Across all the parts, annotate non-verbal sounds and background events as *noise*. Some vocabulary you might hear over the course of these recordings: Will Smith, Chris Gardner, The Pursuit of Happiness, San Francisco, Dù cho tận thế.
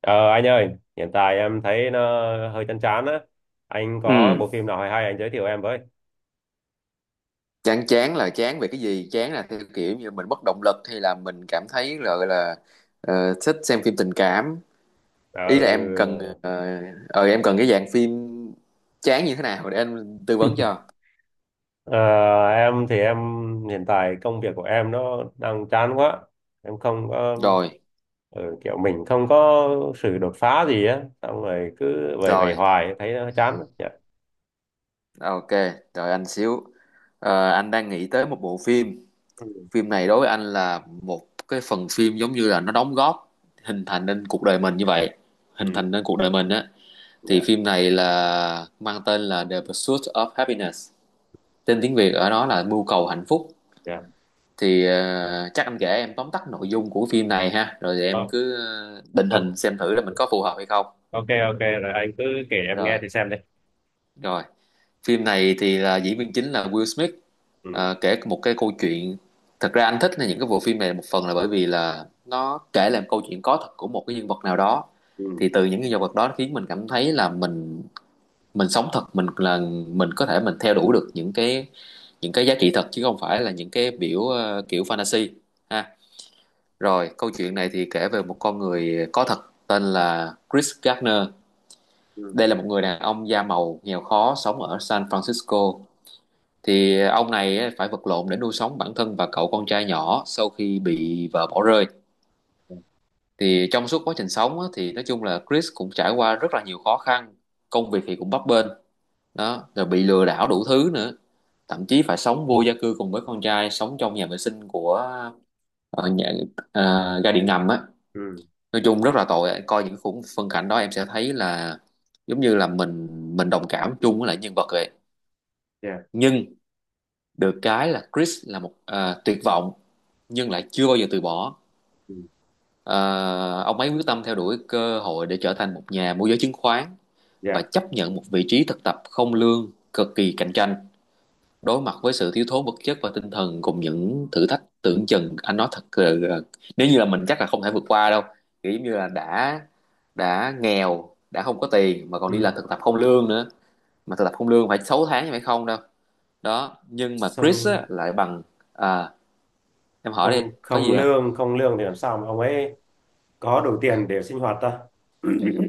Ờ, anh ơi, hiện tại em thấy nó hơi chán chán á. Anh có Ừ, bộ phim nào hay hay anh giới thiệu em với. chán chán là chán về cái gì? Chán là theo kiểu như mình mất động lực hay là mình cảm thấy là gọi là thích xem phim tình cảm. Ờ, Ý là em cần em cần cái dạng phim chán như thế nào để anh tư vấn *laughs* cho. ờ, em thì em hiện tại công việc của em nó đang chán quá. Em không có Rồi, kiểu mình không có sự đột phá gì á, xong rồi cứ vầy vầy rồi. hoài thấy nó chán lắm. Dạ. Ok, đợi anh xíu. Anh đang nghĩ tới một bộ phim. Ừ, Phim này đối với anh là một cái phần phim giống như là nó đóng góp hình thành nên cuộc đời mình như vậy. Hình ừ, thành nên cuộc đời mình á. Thì dạ, phim này là mang tên là The Pursuit of Happiness, tên tiếng Việt ở đó là Mưu cầu hạnh phúc. dạ. Thì chắc anh kể em tóm tắt nội dung của phim này ha, rồi thì Ờ, em cứ định ờ, hình xem thử là mình có phù hợp hay không. ok ok rồi anh cứ kể em rồi nghe thì xem đi. rồi Phim này thì là diễn viên chính là Will Smith. Ừ, Kể một cái câu chuyện, thật ra anh thích những cái bộ phim này một phần là bởi vì là nó kể lại một câu chuyện có thật của một cái nhân vật nào đó. ừ, Thì từ những nhân vật đó khiến mình cảm thấy là mình sống thật, mình là mình có thể, mình theo đuổi được những cái giá trị thật chứ không phải là những cái biểu kiểu fantasy ha. Rồi câu chuyện này thì kể về một con người có thật tên là Chris Gardner. ừ, Đây là một người đàn ông da màu nghèo khó sống ở San Francisco. Thì ông này á, phải vật lộn để nuôi sống bản thân và cậu con trai nhỏ sau khi bị vợ bỏ rơi. Thì trong suốt quá trình sống á, thì nói chung là Chris cũng trải qua rất là nhiều khó khăn, công việc thì cũng bấp bênh đó, rồi bị lừa đảo đủ thứ nữa, thậm chí phải sống vô gia cư cùng với con trai, sống trong nhà vệ sinh của nhà, ga điện ngầm á. ừ, Nói chung rất là tội, coi những khung phân cảnh đó em sẽ thấy là giống như là mình đồng cảm chung với lại nhân vật vậy. dạ, Nhưng được cái là Chris là một tuyệt vọng nhưng lại chưa bao giờ từ bỏ. ừ, Ờ, ông ấy quyết tâm theo đuổi cơ hội để trở thành một nhà môi giới chứng khoán và dạ. chấp nhận một vị trí thực tập không lương cực kỳ cạnh tranh, đối mặt với sự thiếu thốn vật chất và tinh thần cùng những thử thách tưởng chừng, anh nói thật là, nếu như là mình chắc là không thể vượt qua đâu. Kiểu giống như là đã nghèo, đã không có tiền mà còn đi Ừ. làm thực tập không lương nữa. Mà thực tập không lương phải 6 tháng chứ phải không đâu. Đó nhưng mà Chris Xong á, lại bằng à, em hỏi đi, không có không gì không. lương không lương thì làm sao mà ông ấy có đủ tiền để sinh hoạt ta.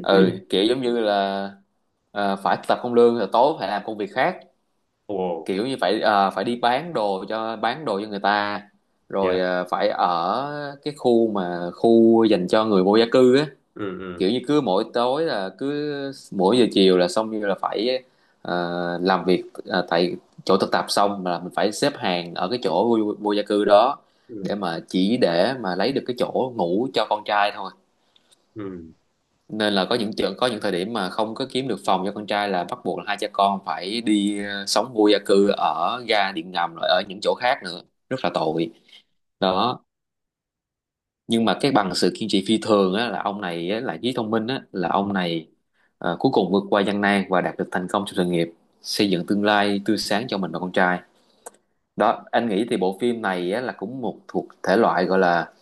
Ừ, kiểu giống như là phải thực tập không lương rồi tối phải làm công việc khác, Ồ. kiểu như phải phải đi bán đồ cho, bán đồ cho người ta, rồi Dạ. Phải ở cái khu mà khu dành cho người vô gia cư á. Ừ, ừ, Kiểu như cứ mỗi tối là cứ mỗi giờ chiều là xong, như là phải làm việc tại chỗ thực tập xong là mình phải xếp hàng ở cái chỗ vô gia cư đó, ừ, để mà chỉ để mà lấy được cái chỗ ngủ cho con trai thôi. ừ. Nên là có những trường, có những thời điểm mà không có kiếm được phòng cho con trai là bắt buộc là hai cha con phải đi sống vô gia cư ở ga điện ngầm rồi ở những chỗ khác nữa, rất là tội đó. Nhưng mà cái bằng sự kiên trì phi thường á, là ông này á, là trí thông minh á, là ông này cuối cùng vượt qua gian nan và đạt được thành công trong sự nghiệp, xây dựng tương lai tươi sáng cho mình và con trai. Đó anh nghĩ thì bộ phim này á, là cũng một thuộc thể loại gọi là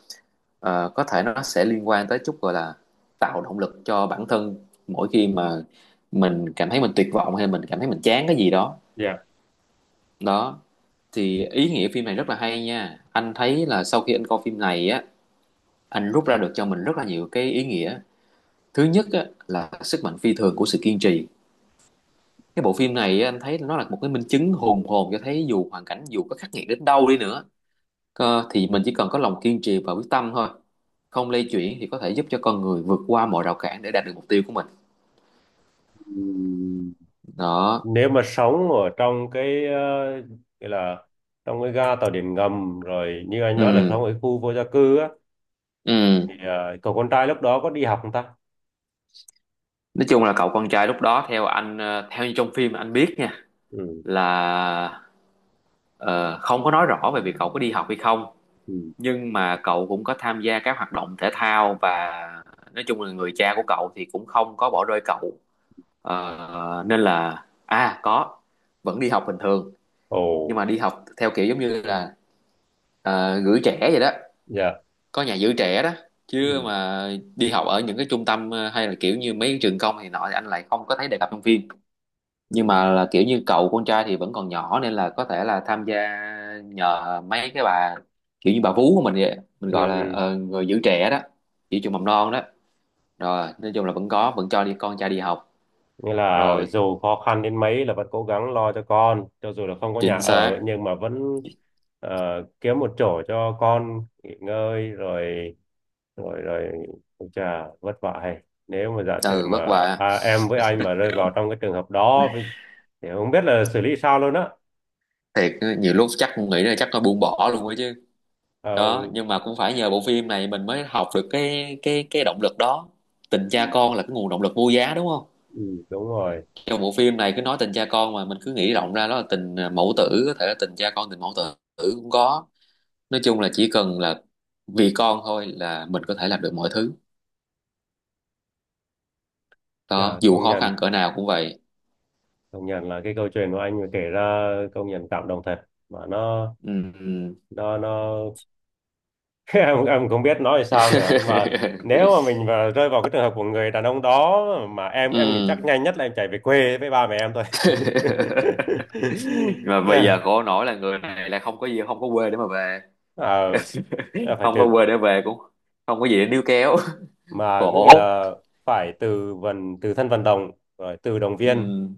Có thể nó sẽ liên quan tới chút gọi là tạo động lực cho bản thân mỗi khi mà mình cảm thấy mình tuyệt vọng hay mình cảm thấy mình chán cái gì đó Dạ. đó. Thì ý nghĩa phim này rất là hay nha, anh thấy là sau khi anh coi phim này á, anh rút ra được cho mình rất là nhiều cái ý nghĩa. Thứ nhất á, là sức mạnh phi thường của sự kiên trì. Cái bộ phim này á, anh thấy nó là một cái minh chứng hùng hồn cho thấy dù hoàn cảnh dù có khắc nghiệt đến đâu đi nữa, thì mình chỉ cần có lòng kiên trì và quyết tâm thôi, không lay chuyển thì có thể giúp cho con người vượt qua mọi rào cản để đạt được mục tiêu của mình Ừm, đó. Nếu mà sống ở trong cái gọi là trong cái ga tàu điện ngầm rồi như anh nói là ừ trong ở khu vô gia cư á, thì ừ cậu con trai lúc đó có đi học không ta? Nói chung là cậu con trai lúc đó theo anh theo như trong phim anh biết nha, Ừ, là không có nói rõ về việc cậu có đi học hay không, ừ. nhưng mà cậu cũng có tham gia các hoạt động thể thao, và nói chung là người cha của cậu thì cũng không có bỏ rơi cậu. Nên là à có, vẫn đi học bình thường, Ồ. nhưng mà đi học theo kiểu giống như là gửi trẻ vậy đó, Dạ. có nhà giữ trẻ đó, Ừ, chứ mà đi học ở những cái trung tâm hay là kiểu như mấy cái trường công thì nọ thì anh lại không có thấy đề cập trong phim. ừ, Nhưng mà là kiểu như cậu con trai thì vẫn còn nhỏ nên là có thể là tham gia nhờ mấy cái bà, kiểu như bà vú của mình vậy, mình ừ, gọi là ừ. Người giữ trẻ đó, giữ trường mầm non đó. Rồi nói chung là vẫn có vẫn cho đi con trai đi học. Nghĩa là Rồi dù khó khăn đến mấy là vẫn cố gắng lo cho con, cho dù là không có nhà chính ở, xác. nhưng mà vẫn ờ, kiếm một chỗ cho con nghỉ ngơi. Rồi, rồi, rồi. Ôi chà, vất vả hay. Nếu mà giả sử Ừ, vất mà vả em với anh mà rơi vào trong cái trường hợp đó với- thì không biết là xử lý sao luôn á. thiệt, nhiều lúc chắc cũng nghĩ là chắc nó buông bỏ luôn á chứ Ờ, đó. Nhưng mà cũng phải nhờ bộ phim này mình mới học được cái động lực đó. Tình ừ, cha con là cái nguồn động lực vô giá đúng không. ừ, đúng rồi. Trong bộ phim này cứ nói tình cha con mà mình cứ nghĩ rộng ra đó là tình mẫu tử, có thể là tình cha con, tình mẫu tử cũng có. Nói chung là chỉ cần là vì con thôi là mình có thể làm được mọi thứ đó, Chà, dù công khó nhận, khăn cỡ nào cũng vậy. công nhận là cái câu chuyện của anh mà kể ra công nhận cảm động thật, mà nó Ừ. nó nó *laughs* Em không biết nói sao nữa mà, *laughs* nếu mà mình mà rơi vào cái trường hợp của người đàn ông đó, mà em nghĩ chắc Ừ. nhanh nhất là em chạy về quê với ba mẹ em thôi. *laughs* *laughs* Mà bây giờ Dạ. khổ nổi là người này là không có gì, không có quê để mà về. Ờ, *laughs* là phải Không từ, có quê để về, cũng không có gì để níu kéo, mà có nghĩa khổ. là phải từ vận, từ thân vận động, rồi từ động viên, Ừ,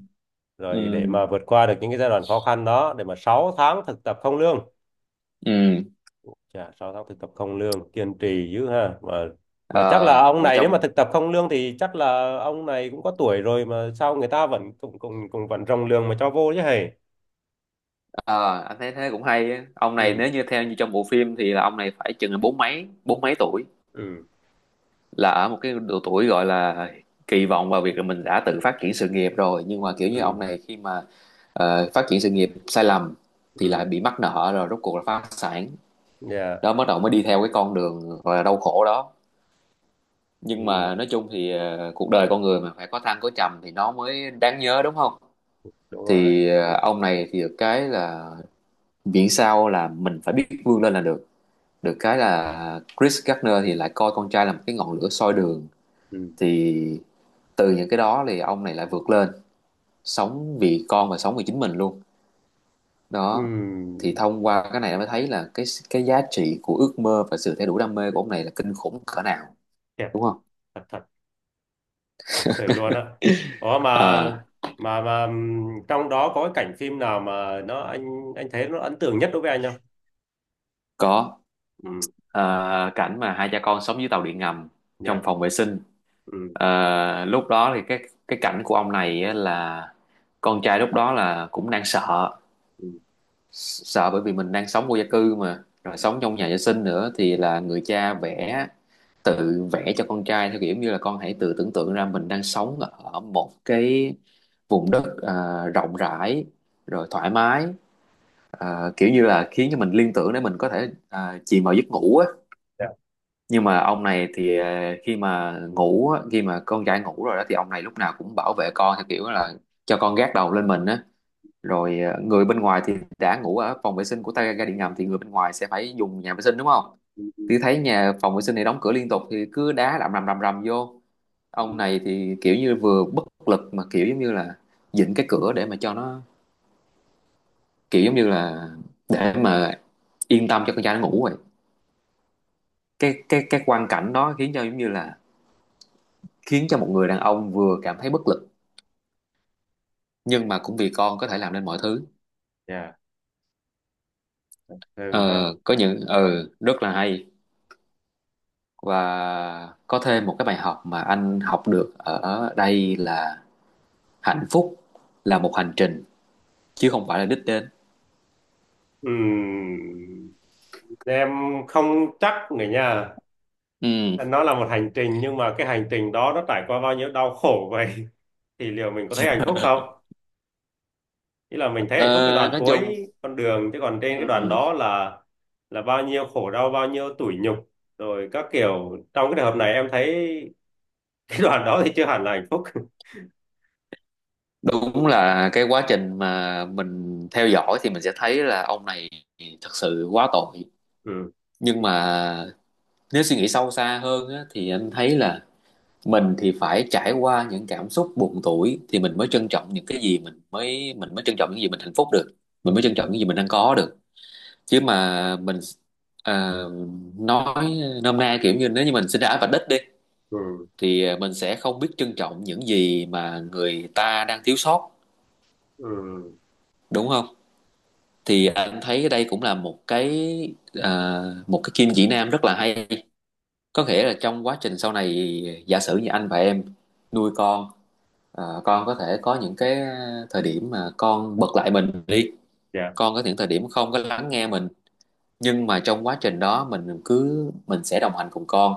rồi để ừ, mà vượt qua được những cái giai đoạn khó khăn đó, để mà 6 tháng thực tập không lương. ừ. Chà, 6 tháng thực tập không lương kiên trì dữ ha mà. Mà chắc là Ờ, ông mà này, nếu trong mà thực tập không lương thì chắc là ông này cũng có tuổi rồi, mà sao người ta vẫn cũng cũng cũng vẫn rồng lương mà cho vô chứ hề. ờ, anh thấy thế cũng hay á. Ông này Ừ, nếu như theo như trong bộ phim thì là ông này phải chừng là bốn mấy tuổi, ừ, là ở một cái độ tuổi gọi là kỳ vọng vào việc là mình đã tự phát triển sự nghiệp rồi, nhưng mà kiểu như ông ừ, này khi mà phát triển sự nghiệp sai lầm thì lại ừ, bị mắc nợ rồi rốt cuộc là phá sản dạ, đó, bắt đầu mới đi theo cái con đường gọi là đau khổ đó. Nhưng mà ừ, nói chung thì cuộc đời con người mà phải có thăng có trầm thì nó mới đáng nhớ đúng không. đúng rồi, Thì ông này thì được cái là miễn sao là mình phải biết vươn lên là được. Được cái là Chris Gardner thì lại coi con trai là một cái ngọn lửa soi đường, ừ, thì từ những cái đó thì ông này lại vượt lên, sống vì con và sống vì chính mình luôn đó. ừ. Thì thông qua cái này mới thấy là cái giá trị của ước mơ và sự theo đuổi đam mê của ông này là kinh khủng cỡ nào, Thiệt, đúng không. thật thật thật sự luôn á. Ủa, mà Ờ, mà mà trong đó có cái cảnh phim nào mà nó anh thấy nó ấn tượng nhất đối với anh không? có. Ừ. Ờ, Cảnh mà hai cha con sống dưới tàu điện ngầm, trong Dạ. phòng vệ sinh. Ừ. Lúc đó thì cái cảnh của ông này á là con trai lúc đó là cũng đang sợ, sợ bởi vì mình đang sống vô gia cư mà rồi sống trong nhà vệ sinh nữa, thì là người cha vẽ, tự vẽ cho con trai theo kiểu như là con hãy tự tưởng tượng ra mình đang sống ở một cái vùng đất rộng rãi, rồi thoải mái, kiểu như là khiến cho mình liên tưởng để mình có thể chìm vào giấc ngủ á. Dạ, Nhưng mà ông này thì khi mà ngủ á, khi mà con trai Ngủ rồi đó thì ông này lúc nào cũng bảo vệ con theo kiểu là cho con gác đầu lên mình á, rồi người bên ngoài thì đã ngủ ở phòng vệ sinh của ta ga điện ngầm thì người bên ngoài sẽ phải dùng nhà vệ sinh đúng không, thì thấy nhà phòng vệ sinh này đóng cửa liên tục thì cứ đá rầm rầm rầm rầm vô. Ông này thì kiểu như vừa bất lực mà kiểu giống như là vịn cái cửa để mà cho nó, kiểu giống như là để mà yên tâm cho con trai nó ngủ rồi. Cái quang cảnh đó khiến cho giống như là khiến cho một người đàn ông vừa cảm thấy bất lực, nhưng mà cũng vì con có thể làm nên mọi thứ. dạ. ờ, Ừ ha. có những rất là hay. Và có thêm một cái bài học mà anh học được ở đây là hạnh phúc là một hành trình chứ không phải là đích đến. Ừm, em không chắc nữa nha. Ừ. Nó là một hành trình, nhưng mà cái hành trình đó nó trải qua bao nhiêu đau khổ vậy. *laughs* Thì liệu mình có thấy hạnh phúc không? Ý là mình thấy hạnh phúc cái ờ, đoạn nói chung, cuối con đường, chứ còn trên cái đoạn ừ, đó là bao nhiêu khổ đau, bao nhiêu tủi nhục rồi các kiểu. Trong cái trường hợp này em thấy *laughs* cái đoạn đó thì chưa hẳn là hạnh phúc. *laughs* đúng là cái quá trình mà mình theo dõi thì mình sẽ thấy là ông này thật sự quá tội. Ừ. Nhưng mà nếu suy nghĩ sâu xa hơn á, thì anh thấy là mình thì phải trải qua những cảm xúc buồn tủi thì mình mới trân trọng những cái gì mình mới trân trọng những gì mình hạnh phúc được, mình mới trân Ừ. trọng những gì mình đang có được. Chứ mà mình, à, nói nôm na kiểu như nếu như mình sinh ra ở vạch đích đi Ừ. thì mình sẽ không biết trân trọng những gì mà người ta đang thiếu sót, Ừ. đúng không. Thì anh thấy đây cũng là một cái, à, một cái kim chỉ nam rất là hay. Có nghĩa là trong quá trình sau này giả sử như anh và em nuôi con, ờ, con có thể có những cái thời điểm mà con bật lại mình đi, Dạ. con có những thời điểm không có lắng nghe mình, nhưng mà trong quá trình đó mình sẽ đồng hành cùng con,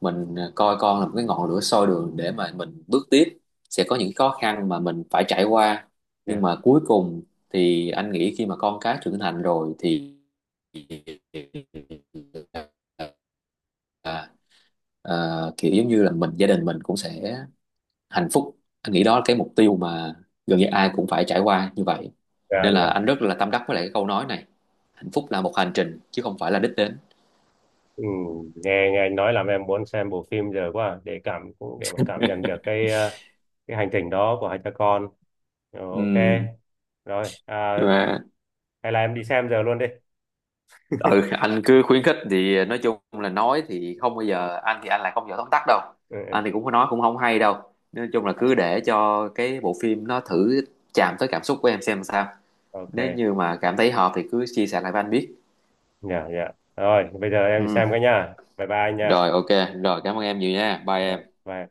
mình coi con là một cái ngọn lửa soi đường để mà mình bước tiếp. Sẽ có những khó khăn mà mình phải trải qua, nhưng Dạ. mà cuối cùng thì anh nghĩ khi mà con cái trưởng thành rồi thì, à, kiểu giống như là gia đình mình cũng sẽ hạnh phúc. Anh nghĩ đó là cái mục tiêu mà gần như ai cũng phải trải qua như vậy, Dạ, nên là dạ. anh rất là tâm đắc với lại cái câu nói này: hạnh phúc là một hành trình chứ không phải là đích đến. Ừ, nghe nghe anh nói làm em muốn xem bộ phim giờ quá à, để cảm cũng để mà cảm nhận được cái hành trình đó của hai cha con. Ok Ừ, rồi, nhưng mà hay là em đi xem giờ luôn đi. ừ, anh cứ khuyến khích thì nói chung là nói thì không bao giờ, anh lại không giỏi tóm tắt đâu, Ừ, anh ừ, thì cũng có nói cũng không hay đâu. Nói chung là cứ để cho cái bộ phim nó thử chạm tới cảm xúc của em xem sao. ok. Nếu như mà cảm thấy hợp thì cứ chia sẻ lại với anh biết. Dạ, dạ rồi bây giờ em đi Ừ. xem cái nha, bye bye anh nha. Rồi, ok. Rồi, cảm ơn em nhiều nha, bye Rồi, em. bye.